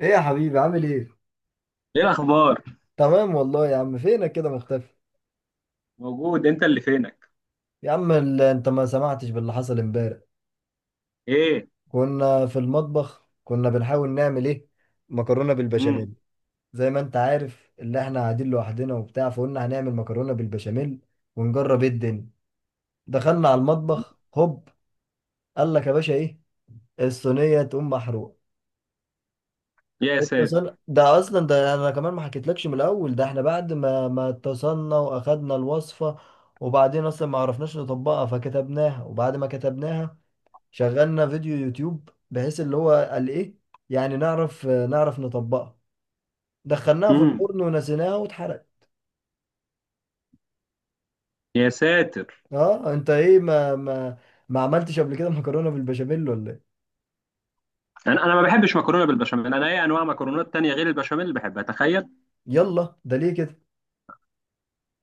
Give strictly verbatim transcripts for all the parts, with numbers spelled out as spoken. ايه يا حبيبي عامل ايه؟ ايه الاخبار؟ تمام والله يا عم، فينك كده مختفي؟ موجود، انت اللي فينك. يا عم ال- انت ما سمعتش باللي حصل امبارح. ايه؟ كنا في المطبخ، كنا بنحاول نعمل ايه؟ مكرونة امم. بالبشاميل. زي ما انت عارف اللي احنا قاعدين لوحدنا وبتاع، فقلنا هنعمل مكرونة بالبشاميل ونجرب ايه الدنيا. دخلنا على المطبخ هوب، قال لك يا باشا ايه؟ الصينية تقوم محروقة. يا ساتر. اتصل ده اصلا، ده انا كمان ما حكيتلكش من الاول، ده احنا بعد ما ما اتصلنا واخدنا الوصفه، وبعدين اصلا ما عرفناش نطبقها فكتبناها، وبعد ما كتبناها شغلنا فيديو يوتيوب، بحيث اللي هو قال ايه، يعني نعرف نعرف نطبقها. دخلناها في امم. الفرن ونسيناها واتحرقت. يا ساتر. اه انت ايه، ما ما ما عملتش قبل كده مكرونه بالبشاميل ولا ايه؟ انا انا ما بحبش مكرونه بالبشاميل، انا اي انواع مكرونات تانية غير البشاميل اللي بحبها. تخيل. يلا، ده ليه كده.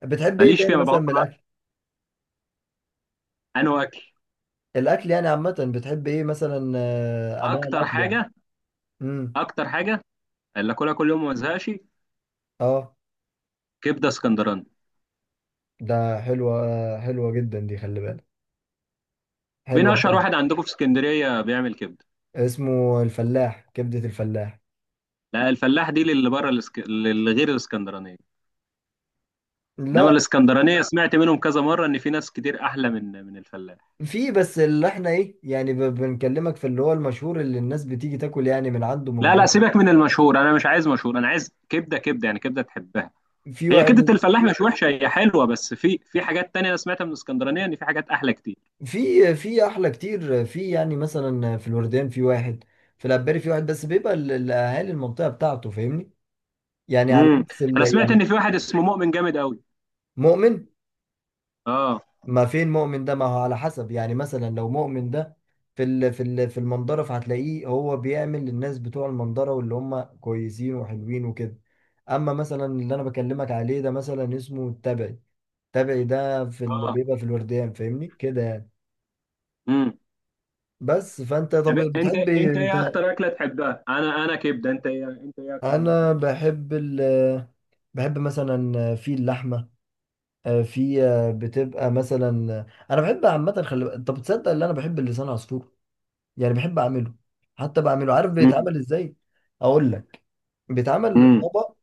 بتحب ايه ماليش تاني فيها، ما مثلا بغطى. من الاكل؟ انا اكل. الاكل يعني عامه، بتحب ايه مثلا، آه، انواع اكتر الاكل يعني. حاجه، امم. اكتر حاجه اللي اكلها كل يوم وما ازهقش اه، كبده اسكندراني. ده حلوة حلوة جدا دي، خلي بالك. مين حلوة اشهر حلوة. واحد عندكم في اسكندريه بيعمل كبده؟ اسمه الفلاح، كبدة الفلاح. لا، الفلاح دي اللي بره الاسك... اللي غير الاسكندرانيه. انما لا. الاسكندرانيه سمعت منهم كذا مره ان في ناس كتير احلى من من الفلاح. في بس اللي احنا ايه يعني، ب- بنكلمك في اللي هو المشهور اللي الناس بتيجي تاكل يعني من عنده من لا لا، بره. سيبك من المشهور، انا مش عايز مشهور، انا عايز كبده. كبده يعني كبده تحبها. في هي كبده واحد. الفلاح مش وحشه، هي حلوه، بس في في حاجات تانية انا سمعتها من اسكندرانيه ان في حاجات احلى كتير. في، في احلى كتير، في يعني مثلا في الوردان في واحد، في العباري في واحد، بس بيبقى ال- الاهالي المنطقة بتاعته، فاهمني، يعني على امم. عكس ال- انا سمعت ان يعني. في واحد اسمه مؤمن جامد قوي. مؤمن. اه. ما فين مؤمن ده؟ ما هو على حسب يعني، مثلا لو مؤمن ده في ال في ال في المنظرة، فهتلاقيه هو بيعمل للناس بتوع المنظرة واللي هم كويسين وحلوين وكده. اما مثلا اللي انا بكلمك عليه ده مثلا اسمه التبعي. التبعي ده في ال... اه. بيبقى في الورديان، فاهمني كده يعني. امم. بس فانت طب طب انت، بتحب ايه انت انت؟ ايه اكتر اكله تحبها؟ انا انا كبده. انت ايه انت ايه اكتر حاجه انا تحبها؟ بحب ال، بحب مثلا في اللحمه، في، بتبقى مثلا، انا بحب عامه، خلي انت بتصدق ان انا بحب اللسان عصفور، يعني بحب اعمله، حتى بعمله، عارف بيتعمل امم. ازاي؟ اقول لك، بيتعمل امم. طبق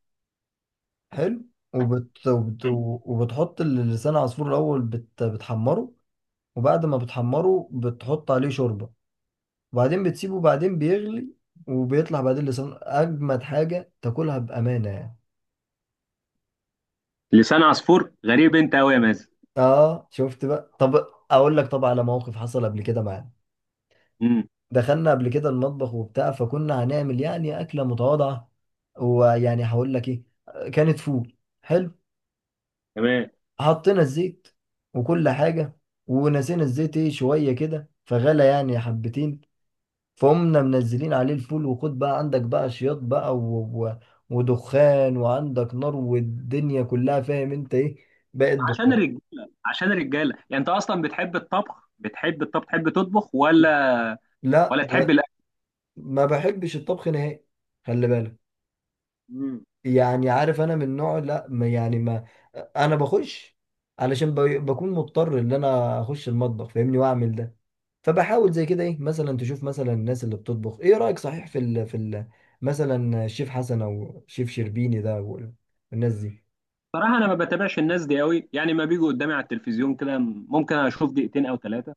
حلو، وبت... وبت... وبتحط لسان عصفور الاول، بت... بتحمره، وبعد ما بتحمره بتحط عليه شوربه، وبعدين بتسيبه وبعدين بيغلي، وبيطلع بعدين لسان اجمد حاجه تاكلها بامانه يعني. لسان عصفور، غريب انت قوي يا مازن. اه شفت بقى. طب اقول لك، طبعا على موقف حصل قبل كده معانا. امم. دخلنا قبل كده المطبخ وبتاع، فكنا هنعمل يعني اكله متواضعه، ويعني هقول لك ايه، كانت فول. حلو. تمام. حطينا الزيت وكل حاجة، ونسينا الزيت ايه شوية كده فغلى يعني حبتين، فقمنا منزلين عليه الفول، وخد بقى عندك بقى شياط بقى و... و... ودخان، وعندك نار، والدنيا كلها فاهم انت ايه، بقت عشان دخان. الرجاله عشان الرجاله يعني، انت اصلا بتحب الطبخ بتحب الطبخ، تحب تطبخ ولا لا. ولا تحب ما الاكل؟ ما بحبش الطبخ نهائي، خلي بالك، مم. يعني عارف انا من نوع لا، ما يعني ما، انا بخش علشان ب- بكون مضطر ان انا اخش المطبخ فاهمني واعمل ده. فبحاول زي كده ايه، مثلا تشوف مثلا الناس اللي بتطبخ، ايه رأيك؟ صحيح في ال في ال، مثلا الشيف حسن او شيف شربيني ده وال- والناس دي. صراحه انا ما بتابعش الناس دي قوي، يعني ما بيجوا قدامي على التلفزيون كده، ممكن اشوف دقيقتين او ثلاثه،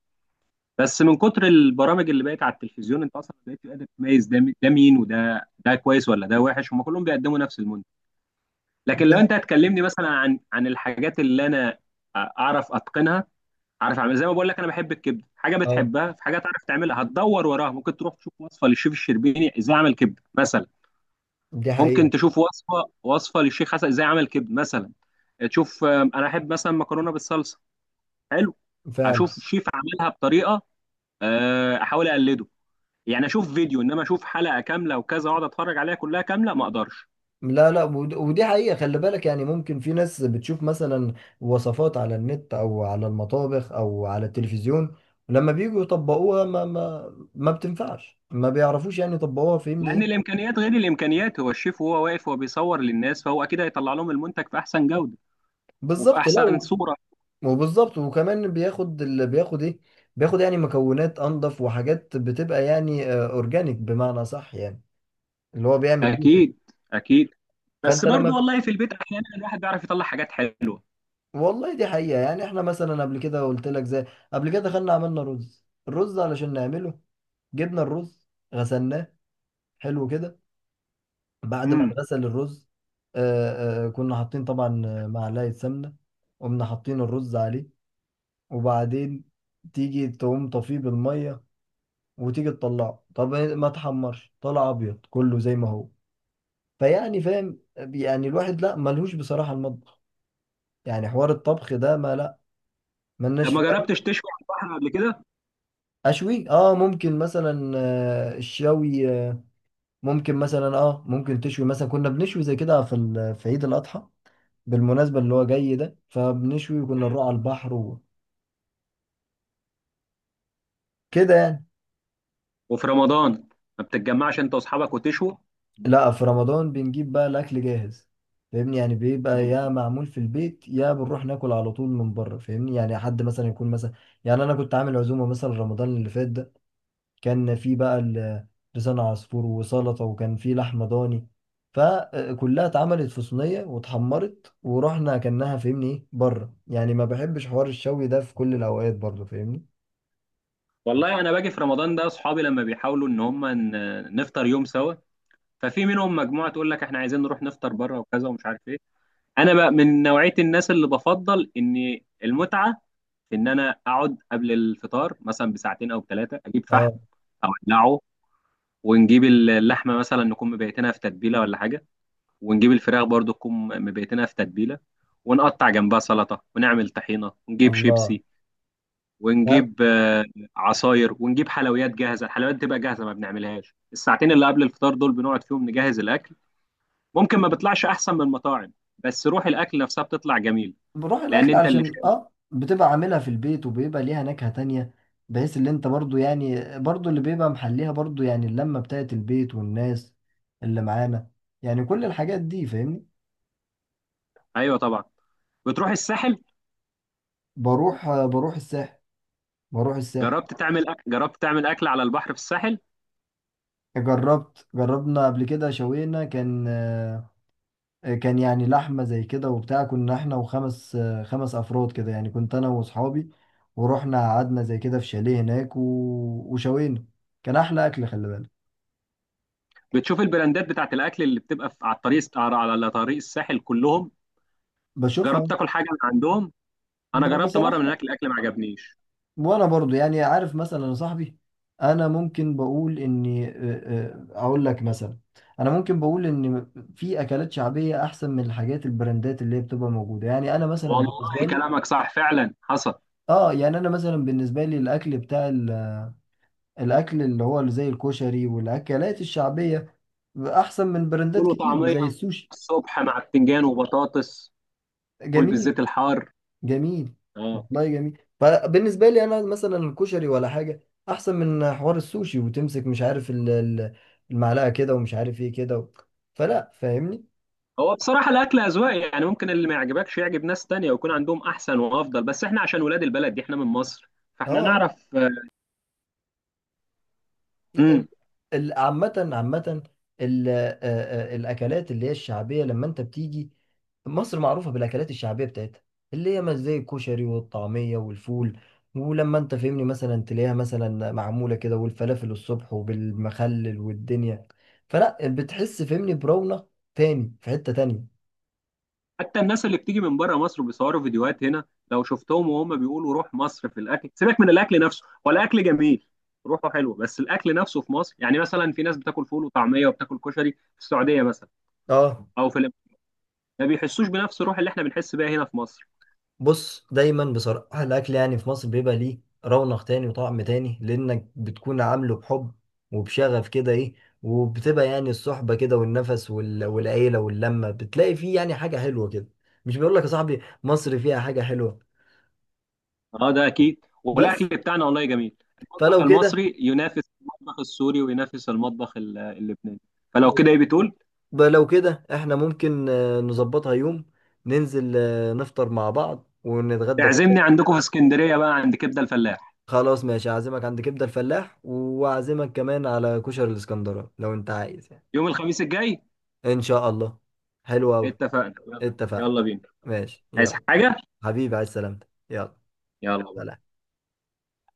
بس من كتر البرامج اللي بقت على التلفزيون انت اصلا بقيت قادر تميز ده مي- ده مين وده ده كويس ولا ده وحش، هم كلهم بيقدموا نفس المنتج. لكن دي لو ح- انت هتكلمني مثلا عن عن الحاجات اللي انا اعرف اتقنها، اعرف اعمل. زي ما بقول لك، انا بحب الكبده، حاجه اه بتحبها، في حاجه تعرف تعملها هتدور وراها، ممكن تروح تشوف وصفه للشيف الشربيني ازاي اعمل كبده مثلا. دي ممكن حقيقة. تشوف وصفه وصفه للشيخ حسن ازاي عمل كبد مثلا. آه، تشوف. آم، انا احب مثلا مكرونه بالصلصه. حلو. فعلا. اشوف شيف عملها بطريقه، آه، احاول اقلده. يعني اشوف فيديو، انما اشوف حلقه كامله وكذا واقعد اتفرج عليها كلها كامله ما اقدرش. لا لا ود- ودي حقيقة، خلي بالك، يعني ممكن في ناس بتشوف مثلا وصفات على النت او على المطابخ او على التلفزيون، لما بييجوا يطبقوها ما ما ما بتنفعش، ما بيعرفوش يعني يطبقوها، فاهمني لان ايه. الامكانيات غير الامكانيات، هو الشيف وهو واقف وهو بيصور للناس، فهو اكيد هيطلع لهم المنتج في احسن جوده وفي بالظبط. احسن لا، صوره. وبالظبط، وكمان بياخد ال... بياخد ايه، بياخد يعني مكونات انضف، وحاجات بتبقى يعني آه، اورجانيك بمعنى صح يعني، اللي هو بيعمل بيها. اكيد. اكيد. بس فانت لما برضو ب- والله في البيت احيانا الواحد بيعرف يطلع حاجات حلوه. والله دي حقيقة يعني، احنا مثلا قبل كده قلت لك زي، قبل كده دخلنا عملنا رز، الرز علشان نعمله جبنا الرز، غسلناه، حلو كده. بعد ما امم. اتغسل الرز آه آه كنا حاطين طبعا آه، معلقة سمنة، قمنا حاطين الرز عليه، وبعدين تيجي تقوم طفيه بالمية وتيجي تطلعه، طب إيه ما تحمرش؟ طلع ابيض كله زي ما هو، فيعني فاهم يعني الواحد لا ملهوش بصراحة المطبخ، يعني حوار الطبخ ده ما لا طب ملناش فيه ما يعني. جربتش تشوي على البحر قبل كده؟ اشوي، اه ممكن مثلا، آه، الشوي آه، ممكن مثلا، اه ممكن تشوي مثلا، كنا بنشوي زي كده في ال- في عيد الاضحى بالمناسبة اللي هو جاي ده، فبنشوي وكنا نروح على البحر وكده يعني. وفي رمضان، ما بتتجمعش انت واصحابك وتشوا؟ لا في رمضان بنجيب بقى الاكل جاهز، فاهمني، يعني بيبقى يا مم. معمول في البيت يا بنروح ناكل على طول من بره، فاهمني يعني، حد مثلا يكون مثلا، يعني انا كنت عامل عزومه مثلا رمضان اللي فات ده، كان في بقى ال- لسان عصفور وسلطه، وكان في لحمه ضاني، فكلها اتعملت في صينيه واتحمرت ورحنا اكلناها، فاهمني ايه بره، يعني ما بحبش حوار الشوي ده في كل الاوقات برضه، فاهمني. والله انا باجي في رمضان ده، اصحابي لما بيحاولوا ان هم ن- نفطر يوم سوا، ففي منهم مجموعه تقول لك احنا عايزين نروح نفطر بره وكذا ومش عارف ايه. انا بقى من نوعيه الناس اللي بفضل ان المتعه في ان انا اقعد قبل الفطار مثلا بساعتين او ثلاثه، اجيب فحم اه. او اولعه، ونجيب اللحمه مثلا نكون مبيتينها في تتبيله ولا حاجه، ونجيب الفراخ برضو تكون مبيتينها في تتبيله، ونقطع جنبها سلطه ونعمل طحينه ونجيب الله. شيبسي ده ونجيب آه، عصاير ونجيب حلويات جاهزه. الحلويات بتبقى جاهزه ما بنعملهاش، الساعتين اللي قبل الفطار دول بنقعد فيهم نجهز الاكل. ممكن ما بيطلعش احسن من المطاعم، بس روح الاكل نفسها بتطلع جميل، بروح لان الاكل، انت اللي علشان شايف. اه بتبقى عاملها في البيت وبيبقى ليها نكهة تانية، بحيث اللي انت برضو، يعني برضو اللي بيبقى محليها برضو، يعني اللمة بتاعت البيت والناس اللي معانا، يعني كل الحاجات دي، فاهمني. ايوه طبعا. بتروح الساحل؟ بروح، آه، بروح الساحل، بروح الساحل. جربت تعمل أك... جربت تعمل اكل على البحر في الساحل؟ جربت، جربنا قبل كده شوينا، كان آه، كان يعني لحمة زي كده وبتاع، كنا احنا وخمس آه، خمس افراد كده يعني، كنت انا واصحابي، ورحنا قعدنا زي كده في شاليه هناك و... وشوينا، كان احلى اكل، خلي بالك. بتشوف البراندات بتاعت الاكل اللي بتبقى في... على الطريق، على على طريق الساحل كلهم؟ جربت بشوفها. تاكل حاجه من عندهم؟ انا ب- جربت مره من بصراحة. هناك، الاكل ما عجبنيش. وانا برضو يعني عارف مثلا يا صاحبي، انا ممكن بقول اني آه، آه، اقول لك مثلا، انا ممكن بقول ان في اكلات شعبية احسن من الحاجات البراندات اللي هي بتبقى موجودة، يعني انا مثلا بالنسبة والله لي. كلامك صح، فعلا حصل. اه، يعني انا مثلا بالنسبة لي الاكل بتاع ال- الاكل اللي هو زي الكشري والاكلات الشعبية احسن من فول براندات كتير وطعميه زي السوشي. الصبح مع بتنجان وبطاطس. فول جميل. بالزيت الحار. جميل. اه. والله جميل، فبالنسبه لي انا مثلا الكشري ولا حاجه احسن من حوار السوشي وتمسك مش عارف ال- ال- المعلقه كده، ومش عارف ايه كده و... فلا فاهمني. هو بصراحة الأكل أذواق، يعني ممكن اللي ما يعجبكش يعجب ناس تانية ويكون عندهم أحسن وأفضل، بس إحنا عشان ولاد البلد دي، إحنا من مصر اه. فإحنا آه. نعرف. امم. ال- ال- عامة عامة، ال- آه، آه، الأكلات اللي هي الشعبية، لما أنت بتيجي مصر معروفة بالأكلات الشعبية بتاعتها، اللي هي ما زي الكشري والطعمية والفول، ولما أنت فهمني مثلا تلاقيها مثلا معمولة كده، والفلافل الصبح وبالمخلل والدنيا، فلا بتحس فهمني برونق تاني في حتة تانية. حتى الناس اللي بتيجي من بره مصر وبيصوروا فيديوهات هنا، لو شفتهم وهم بيقولوا روح مصر في الأكل، سيبك من الأكل نفسه، هو الأكل جميل، روحه حلوة، بس الأكل نفسه في مصر يعني مثلا في ناس بتاكل فول وطعمية وبتاكل كشري في السعودية مثلا اه. أو في الإمارات، ما بيحسوش بنفس الروح اللي إحنا بنحس بيها هنا في مصر. بص دايما بصراحة الأكل يعني في مصر بيبقى ليه رونق تاني وطعم تاني، لأنك بتكون عامله بحب وبشغف كده إيه، وبتبقى يعني الصحبة كده والنفس وال... والعيلة واللمة، بتلاقي فيه يعني حاجة حلوة كده. مش بيقول لك يا صاحبي مصر فيها حاجة حلوة. اه، ده اكيد، والاكل بس. بتاعنا والله جميل. المطبخ فلو كده، المصري ينافس المطبخ السوري وينافس المطبخ ال- اللبناني. فلو كده، ايه بتقول؟ ب- لو كده إحنا ممكن آه، نظبطها يوم، ننزل آه، نفطر مع بعض ونتغدى كشري. تعزمني عندكم في اسكندريه بقى عند كبده الفلاح؟ خلاص ماشي، أعزمك عند كبدة الفلاح وأعزمك كمان على كشري الإسكندراني لو أنت عايز يعني. يوم الخميس الجاي. ان شاء الله. حلو قوي. اتفقنا؟ يلا. اتفقنا. يلا بينا. ماشي عايز يلا. حاجه؟ حبيبي على السلامة. يلا. يلا. سلام.